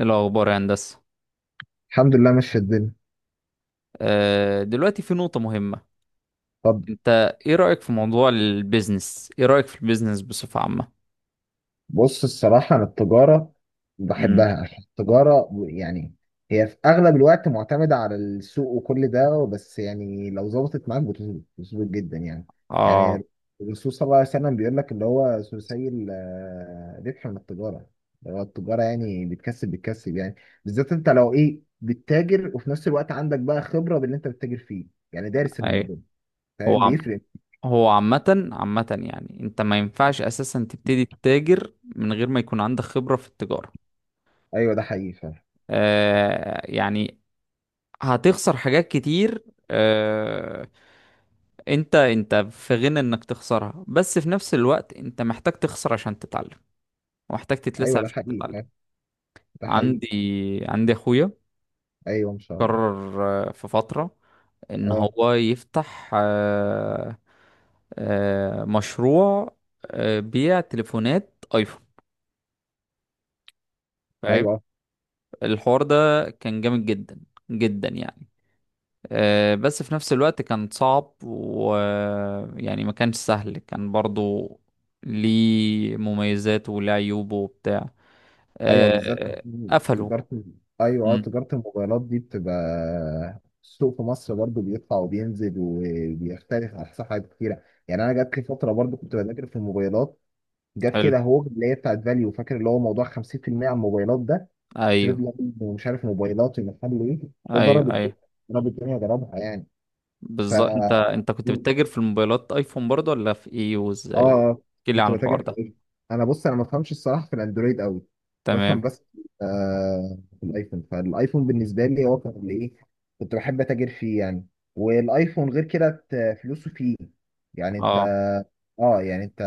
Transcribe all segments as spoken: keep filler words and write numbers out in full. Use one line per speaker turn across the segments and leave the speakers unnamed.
إيه الأخبار يا هندسة؟
الحمد لله ماشية الدنيا.
آه، دلوقتي في نقطة مهمة.
طب.
أنت إيه رأيك في موضوع البيزنس؟ إيه رأيك في البيزنس بصفة عامة؟
بص، الصراحة أنا التجارة
امم.
بحبها عشان التجارة، يعني هي في أغلب الوقت معتمدة على السوق وكل ده. بس يعني لو ظبطت معاك بتظبط بتظبط جدا يعني.
آه.
يعني الرسول صلى الله عليه وسلم بيقول لك اللي هو ثلثي ال- الربح من التجارة، اللي هو التجارة يعني بتكسب بتكسب يعني. بالذات أنت لو إيه بتتاجر وفي نفس الوقت عندك بقى خبرة باللي أنت بتتاجر فيه، يعني دارس
أي.
الموضوع،
هو
فاهم
عم...
بيفرق.
هو عامة عامة، يعني أنت ما ينفعش أساسا تبتدي تتاجر من غير ما يكون عندك خبرة في التجارة.
أيوه ده حقيقي فاهم.
آه، يعني هتخسر حاجات كتير. آه، انت انت في غنى انك تخسرها، بس في نفس الوقت انت محتاج تخسر عشان تتعلم ومحتاج تتلسع
أيوه ده
عشان
حقيقي
تتعلم.
فاهم، ده حقيقي.
عندي عندي اخويا
ايوه ان شاء الله.
قرر، آه، في فترة، ان
اه
هو يفتح آه، آه، مشروع، آه، بيع تليفونات ايفون، فاهم؟
ايوه
الحوار ده كان جامد جدا جدا يعني. آه، بس في نفس الوقت كان صعب، ويعني ما كانش سهل، كان برضو ليه مميزات وليه عيوبه وبتاع.
ايوه. بالذات
آه، قفلوا.
تجاره، ايوه اه،
مم.
تجاره الموبايلات دي بتبقى، السوق في مصر برضو بيطلع وبينزل وبيختلف على حسب حاجات كتيره يعني. انا جات لي فتره برضو كنت بذاكر في الموبايلات، جت
حلو.
كده هوج اللي هي بتاعت فاليو، فاكر اللي هو موضوع خمسين في المئة على الموبايلات ده،
ايوه،
تريد لاين ومش عارف موبايلات ومحل ايه. ده ضرب
ايوه،
الدنيا
ايوه.
ضرب الدنيا ضربها يعني. ف
بالظبط، انت انت كنت بتتاجر في الموبايلات ايفون برضه، ولا في ايه
اه
وازاي؟
اه
احكي لي
كنت
عن الحوار
بتاجر في
ده.
الايفون. انا بص، انا ما بفهمش الصراحه في الاندرويد قوي، بفهم
تمام.
بس. آه في الايفون، فالايفون بالنسبه لي هو كان اللي ايه، كنت بحب اتاجر فيه يعني. والايفون غير كده، ت- فلوسه فيه يعني.
اه.
انت اه يعني انت،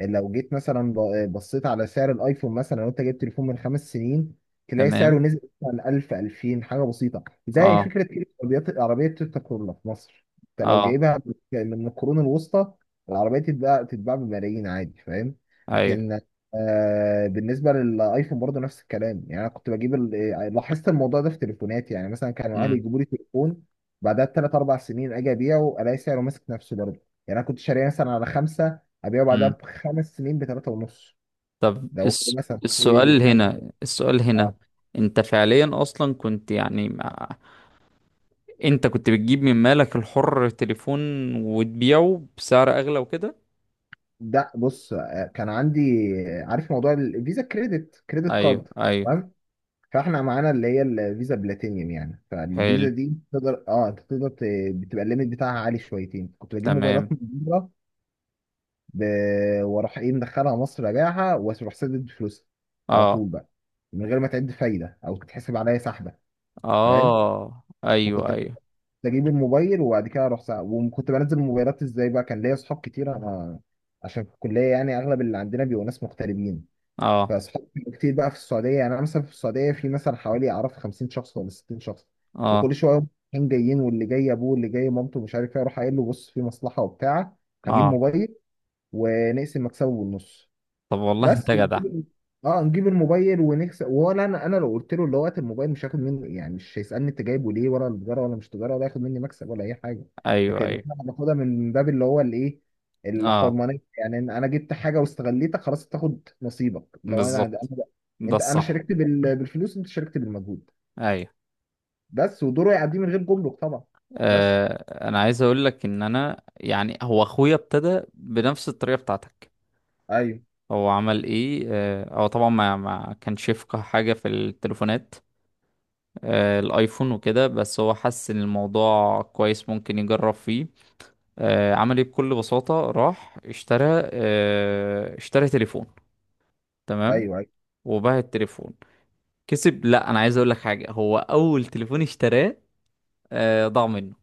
لو جيت مثلا ب- بصيت على سعر الايفون مثلا، لو انت جبت تليفون من خمس سنين تلاقي
تمام.
سعره نزل مثلا ألف، ألفين حاجه بسيطه. زي
اه.
فكره كده عربيات، عربيه تويوتا كورولا في مصر انت لو
اه.
جايبها من القرون الوسطى، العربيه تتباع تتباع بملايين عادي، فاهم.
ايوه.
لكن آه بالنسبه للايفون برضه نفس الكلام، يعني انا كنت بجيب ال- لاحظت الموضوع ده في تليفوناتي. يعني مثلا كانوا اهلي
امم.
يجيبوا لي تليفون بعدها بثلاث اربع سنين اجي ابيعه الاقي سعره ماسك نفسه برضه. يعني انا كنت شاريه مثلا على خمسه، ابيعه بعدها
امم.
بخمس سنين بثلاثه ونص.
طب
لو
الس...
مثلا هي دي
السؤال
الحاجه.
هنا، السؤال هنا،
اه،
انت فعليا اصلا كنت يعني مع... انت كنت بتجيب من مالك الحر تليفون وتبيعه بسعر اغلى وكده؟
ده بص، آه، كان عندي. آه، عارف موضوع الفيزا، كريدت كريدت
ايوه،
كارد،
ايوه.
تمام. فاحنا معانا اللي هي الفيزا بلاتينيوم يعني، فالفيزا
حلو.
دي تقدر، اه انت تقدر، ت- بتبقى الليميت بتاعها عالي شويتين. كنت بجيب موبايلات
تمام.
من بره، ب... واروح ايه مدخلها مصر، ابيعها واروح سدد فلوسها على
اه.
طول بقى، من غير ما تعد فايده او تتحسب عليا سحبه، فاهم.
اه.
فكنت
ايوه، ايوه.
اجيب الموبال، وبعد كده اروح ساعة وكنت بنزل الموبايلات. ازاي بقى؟ كان ليا اصحاب كتير انا، عشان في الكليه يعني اغلب اللي عندنا بيبقوا ناس مغتربين.
اه.
فاصحاب كتير بقى في السعوديه، يعني انا مثلا في السعوديه في مثلا حوالي اعرف خمسين شخص ولا ستين شخص،
اه.
وكل شويه يوم رايحين جايين، واللي جاي ابوه واللي جاي مامته مش عارف ايه، اروح قايل له بص في مصلحه وبتاع، هجيب
اه.
موبايل ونقسم مكسبه بالنص.
طب، والله
بس
انت جدع.
نجيب اه نجيب الموبايل ونكسب. ولا انا، انا لو قلت له اللي هو هات الموبايل مش هاخد منه، يعني مش هيسالني انت جايبه ليه، ولا التجاره ولا مش تجاره، ولا هياخد مني مكسب ولا اي حاجه.
ايوه،
لكن
ايوه.
انا باخدها من باب اللي هو الايه،
اه،
الحرمانيه، يعني إن انا جبت حاجه واستغليتك خلاص، تاخد نصيبك. لو انا
بالظبط.
أنا-
ده
انت، انا
الصح.
شاركت بال- بالفلوس، انت شاركت بالمجهود،
ايوه،
بس ودوره يعديه من غير جمرك طبعا. بس
آه انا عايز اقول لك ان انا، يعني هو اخويا ابتدى بنفس الطريقه بتاعتك.
ايوه.
هو عمل ايه؟ آه، هو طبعا ما ما كانش يفقه حاجه في التليفونات، آه الايفون وكده، بس هو حس ان الموضوع كويس ممكن يجرب فيه. آه عمل ايه؟ بكل بساطه راح اشترى آه اشترى تليفون، تمام؟
ايوه ايوه،
وباع التليفون. كسب؟ لا، انا عايز اقول لك حاجه، هو اول تليفون اشتراه آه ضاع منه.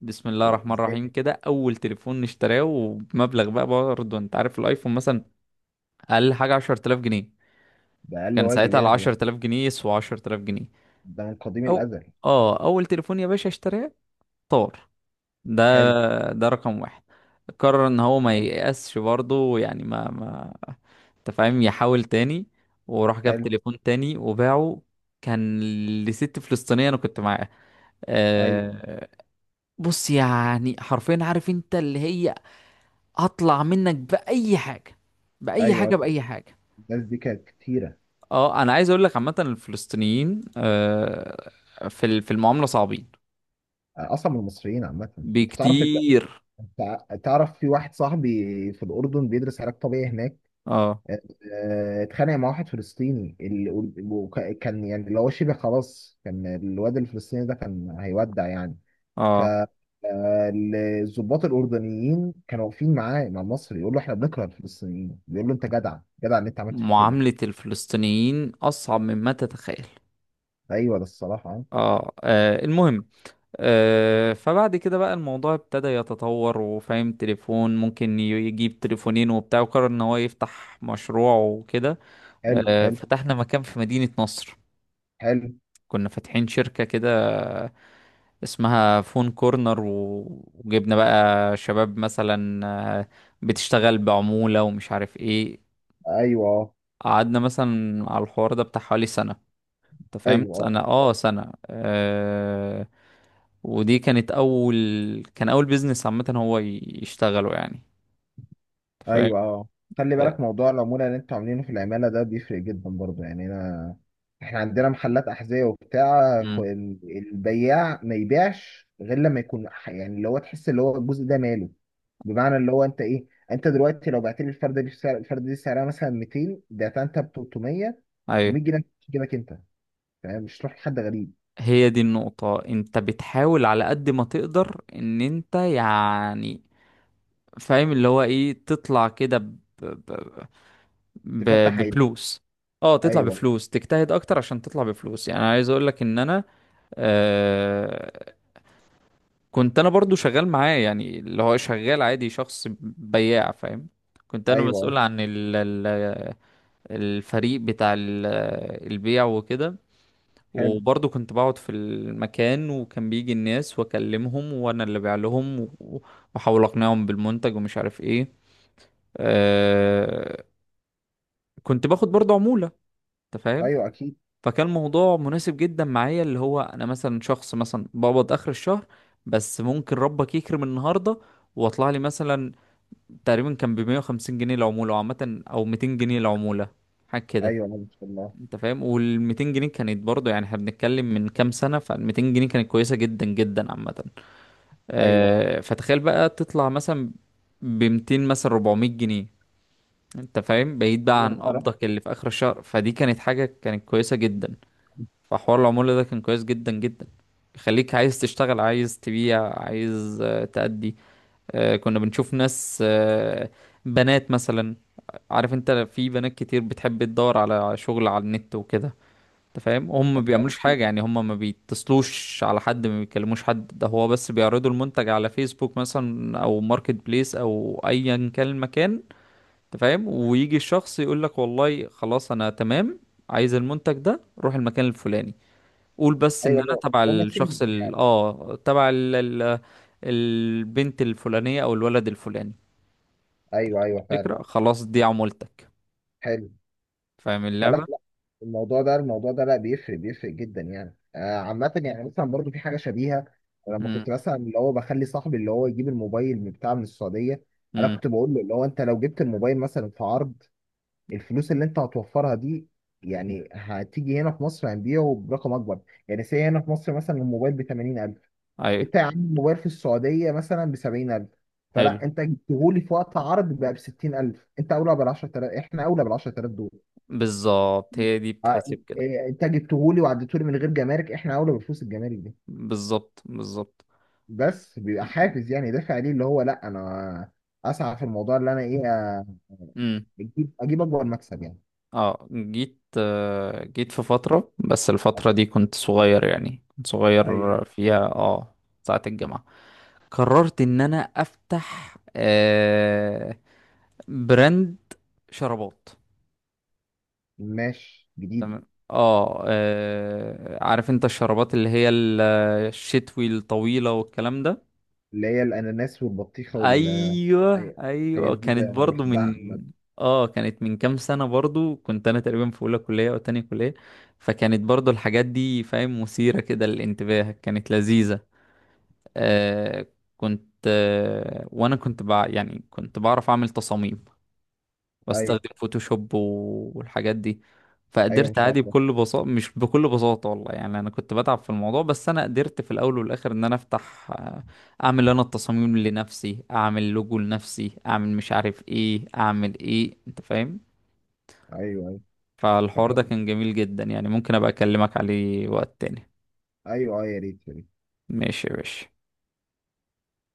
بسم الله الرحمن
ازاي.
الرحيم كده اول تليفون نشتراه، ومبلغ بقى برضه، انت عارف الايفون مثلا اقل حاجه عشر تلاف جنيه.
ده اقل
كان
واجب
ساعتها ال
يعني ده،
عشرة آلاف جنيه يسوى عشر تلاف جنيه.
ده من قديم
او
الازل.
اه اول تليفون يا باشا اشتراه طار. ده
حلو
ده رقم واحد. قرر ان هو ما
حلو
ييأسش برضه، يعني ما ما انت فاهم، يحاول تاني، وراح جاب
حلو.
تليفون تاني وباعه. كان لست فلسطينيه، انا كنت معاه.
ايوه
آه، بص يعني حرفيا، عارف انت اللي هي هطلع منك بأي حاجة، بأي حاجة،
ايوه.
بأي حاجة.
الناس دي كانت كتيرة.
اه انا عايز اقول لك عامه الفلسطينيين، آه، في ال- في المعامله صعبين
آه، أصلا من المصريين عامة. أنت تعرف أنت
بكتير.
أنت تعرف في واحد صاحبي في الأردن بيدرس علاج طبيعي هناك.
اه.
آه، آه، اتخانق مع واحد فلسطيني، ال- وكان يعني اللي هو شبه خلاص، كان الواد الفلسطيني ده كان هيودع يعني. ف
اه.
آه، الضباط الأردنيين كانوا واقفين معاه مع المصري، يقول له إحنا بنكره الفلسطينيين، بيقول له أنت جدع جدع إن أنت عملت في كده.
معامله الفلسطينيين اصعب مما تتخيل.
أيوه ده الصراحة آه.
اه، آه، المهم، آه فبعد كده بقى الموضوع ابتدى يتطور، وفاهم تليفون ممكن ي- يجيب تليفونين وبتاع، وقرر ان هو يفتح مشروع وكده.
حلو
آه
حلو
فتحنا مكان في مدينة نصر.
حلو.
كنا فاتحين شركة كده اسمها فون كورنر، و- وجبنا بقى شباب مثلا آه، بتشتغل بعمولة ومش عارف ايه.
أيوه
قعدنا مثلا على الحوار ده بتاع حوالي سنة، انت فاهم،
أيوه.
سنة اه سنة آه ودي كانت أول كان أول بيزنس عامة هو ي- يشتغله يعني، انت فاهم؟
ايوه اه. خلي بالك موضوع العمولة اللي انتوا عاملينه في العمالة ده بيفرق جدا برضه يعني. انا، احنا عندنا محلات احذية وبتاع، ف-
امم.
ال- البياع ما يبيعش غير لما يكون، ح- يعني اللي هو تحس اللي هو الجزء ده ماله. بمعنى اللي هو انت ايه، انت دلوقتي لو بعت لي الفردة دي بسعر، الفردة دي سعرها مثلا مئتين، بعتها انت ب تلتمية،
ايوه،
مية جنيه تجيبك انت، فاهم، مش تروح لحد غريب.
هي دي النقطة. انت بتحاول على قد ما تقدر ان انت يعني فاهم، اللي هو ايه، تطلع كده ب...
تفتح عينك.
بفلوس. اه، تطلع
ايوه
بفلوس، تجتهد اكتر عشان تطلع بفلوس. يعني أنا عايز اقول لك ان انا، آه كنت انا برضو شغال معاه، يعني اللي هو شغال عادي، شخص بياع، فاهم؟ كنت انا
ايوه آه.
مسؤول عن ال... ال- الفريق بتاع ال- البيع وكده.
حلو.
وبرضو كنت بقعد في المكان وكان بيجي الناس واكلمهم، وانا اللي بيع لهم و- واحاول اقنعهم بالمنتج ومش عارف ايه. آه كنت باخد برضو عمولة، انت فاهم،
ايوه اكيد.
فكان موضوع مناسب جدا معايا، اللي هو انا مثلا شخص مثلا بقبض اخر الشهر، بس ممكن ربك يكرم النهارده واطلع لي مثلا، تقريبا كان ب مية وخمسين جنيه العموله عامه، او ميتين جنيه العموله، حاجه كده،
ايوه، آه، ما شاء الله.
انت فاهم. وال مئتين جنيه كانت برضه، يعني احنا بنتكلم من كام سنه، فال ميتين جنيه كانت كويسه جدا جدا عامه.
ايوه،
آه فتخيل بقى تطلع مثلا ب ميتين، مثلا اربعمية جنيه، انت فاهم، بعيد بقى عن
يوم قرا،
قبضك اللي في اخر الشهر، فدي كانت حاجه كانت كويسه جدا. فحوار العمولة ده كان كويس جدا جدا، يخليك عايز تشتغل، عايز تبيع، عايز آه، تأدي. آه، كنا بنشوف ناس، آه، بنات مثلا. عارف انت، في بنات كتير بتحب تدور على شغل على النت وكده، انت فاهم، هم ما
ايوه
بيعملوش
أكيد.
حاجة، يعني هم ما بيتصلوش على حد، ما بيكلموش حد، ده هو بس بيعرضوا المنتج على فيسبوك مثلا او ماركت بليس او ايا كان المكان، انت فاهم، ويجي الشخص يقول لك والله خلاص انا تمام، عايز المنتج ده، روح المكان الفلاني، قول بس ان
ايوه،
انا
لو
تبع
لو ما
الشخص
تسيب
ال
يعني.
اه تبع ال... ال... البنت الفلانية او الولد الفلاني،
ايوه ايوه فعلا.
فكرة. خلاص، دي عمولتك،
حلو.
فاهم
فلا
اللعبة؟
لا. الموضوع ده الموضوع ده لا بيفرق بيفرق جدا يعني، آه عامة يعني مثلا برضو في حاجة شبيهة. لما
امم.
كنت مثلا اللي هو بخلي صاحبي اللي هو يجيب الموبايل من بتاع من السعودية، انا
امم.
كنت بقول له اللي هو انت لو جبت الموبايل مثلا في عرض، الفلوس اللي انت هتوفرها دي يعني هتيجي هنا في مصر هنبيعه برقم اكبر. يعني سي هنا في مصر مثلا الموبايل ب تمانين ألف،
ايوه.
انت يا عم موبايل في السعوديه مثلا ب سبعين ألف،
حلو.
فلا انت جبتهولي في وقت عرض بقى ب ستين ألف، انت اولى بال عشر تلاف احنا اولى بال عشر تلاف دول.
بالظبط، هي دي
اه،
بتحسب كده.
اه، انت جبتهولي وعديتهولي من غير جمارك، احنا اولى بفلوس الجمارك دي.
بالظبط، بالظبط.
بس بيبقى حافز يعني دافع ليه، اللي هو لا، انا اسعى في الموضوع اللي انا ايه، اه،
امم.
اجيب اجيب اكبر مكسب يعني.
اه، جيت آه، جيت في فترة، بس الفترة دي كنت صغير يعني، كنت
ايوه
صغير فيها، اه ساعة الجامعة، قررت ان انا افتح آه براند شرابات،
ماشي جديد.
تمام. اه، آه، عارف انت الشربات اللي هي ال- الشتوي الطويلة والكلام ده.
اللي هي الاناناس والبطيخه وال
ايوه،
ايوه الحاجات
ايوه.
دي،
كانت
ده انا
برضو
بحبها
من
عامه.
اه كانت من كام سنة، برضو كنت انا تقريبا في اولى كلية او تانية كلية، فكانت برضو الحاجات دي، فاهم، مثيرة كده للانتباه، كانت لذيذة. آه كنت، آه وانا كنت بع... يعني كنت بعرف اعمل تصاميم،
ايوه
بستخدم فوتوشوب و- والحاجات دي.
ايوه ان
فقدرت
شاء
عادي
الله.
بكل بساطة، مش بكل بساطة والله، يعني أنا كنت بتعب في الموضوع، بس أنا قدرت في الأول والآخر إن أنا أفتح، آه، أعمل أنا التصاميم لنفسي، أعمل لوجو لنفسي، أعمل مش عارف إيه، أعمل إيه، أنت فاهم.
ايوه ايوه.
فالحوار
طب،
ده كان جميل جدا، يعني ممكن أبقى أكلمك عليه وقت تاني.
ايوه اه، يا ريت يا ريت.
ماشي يا باشا.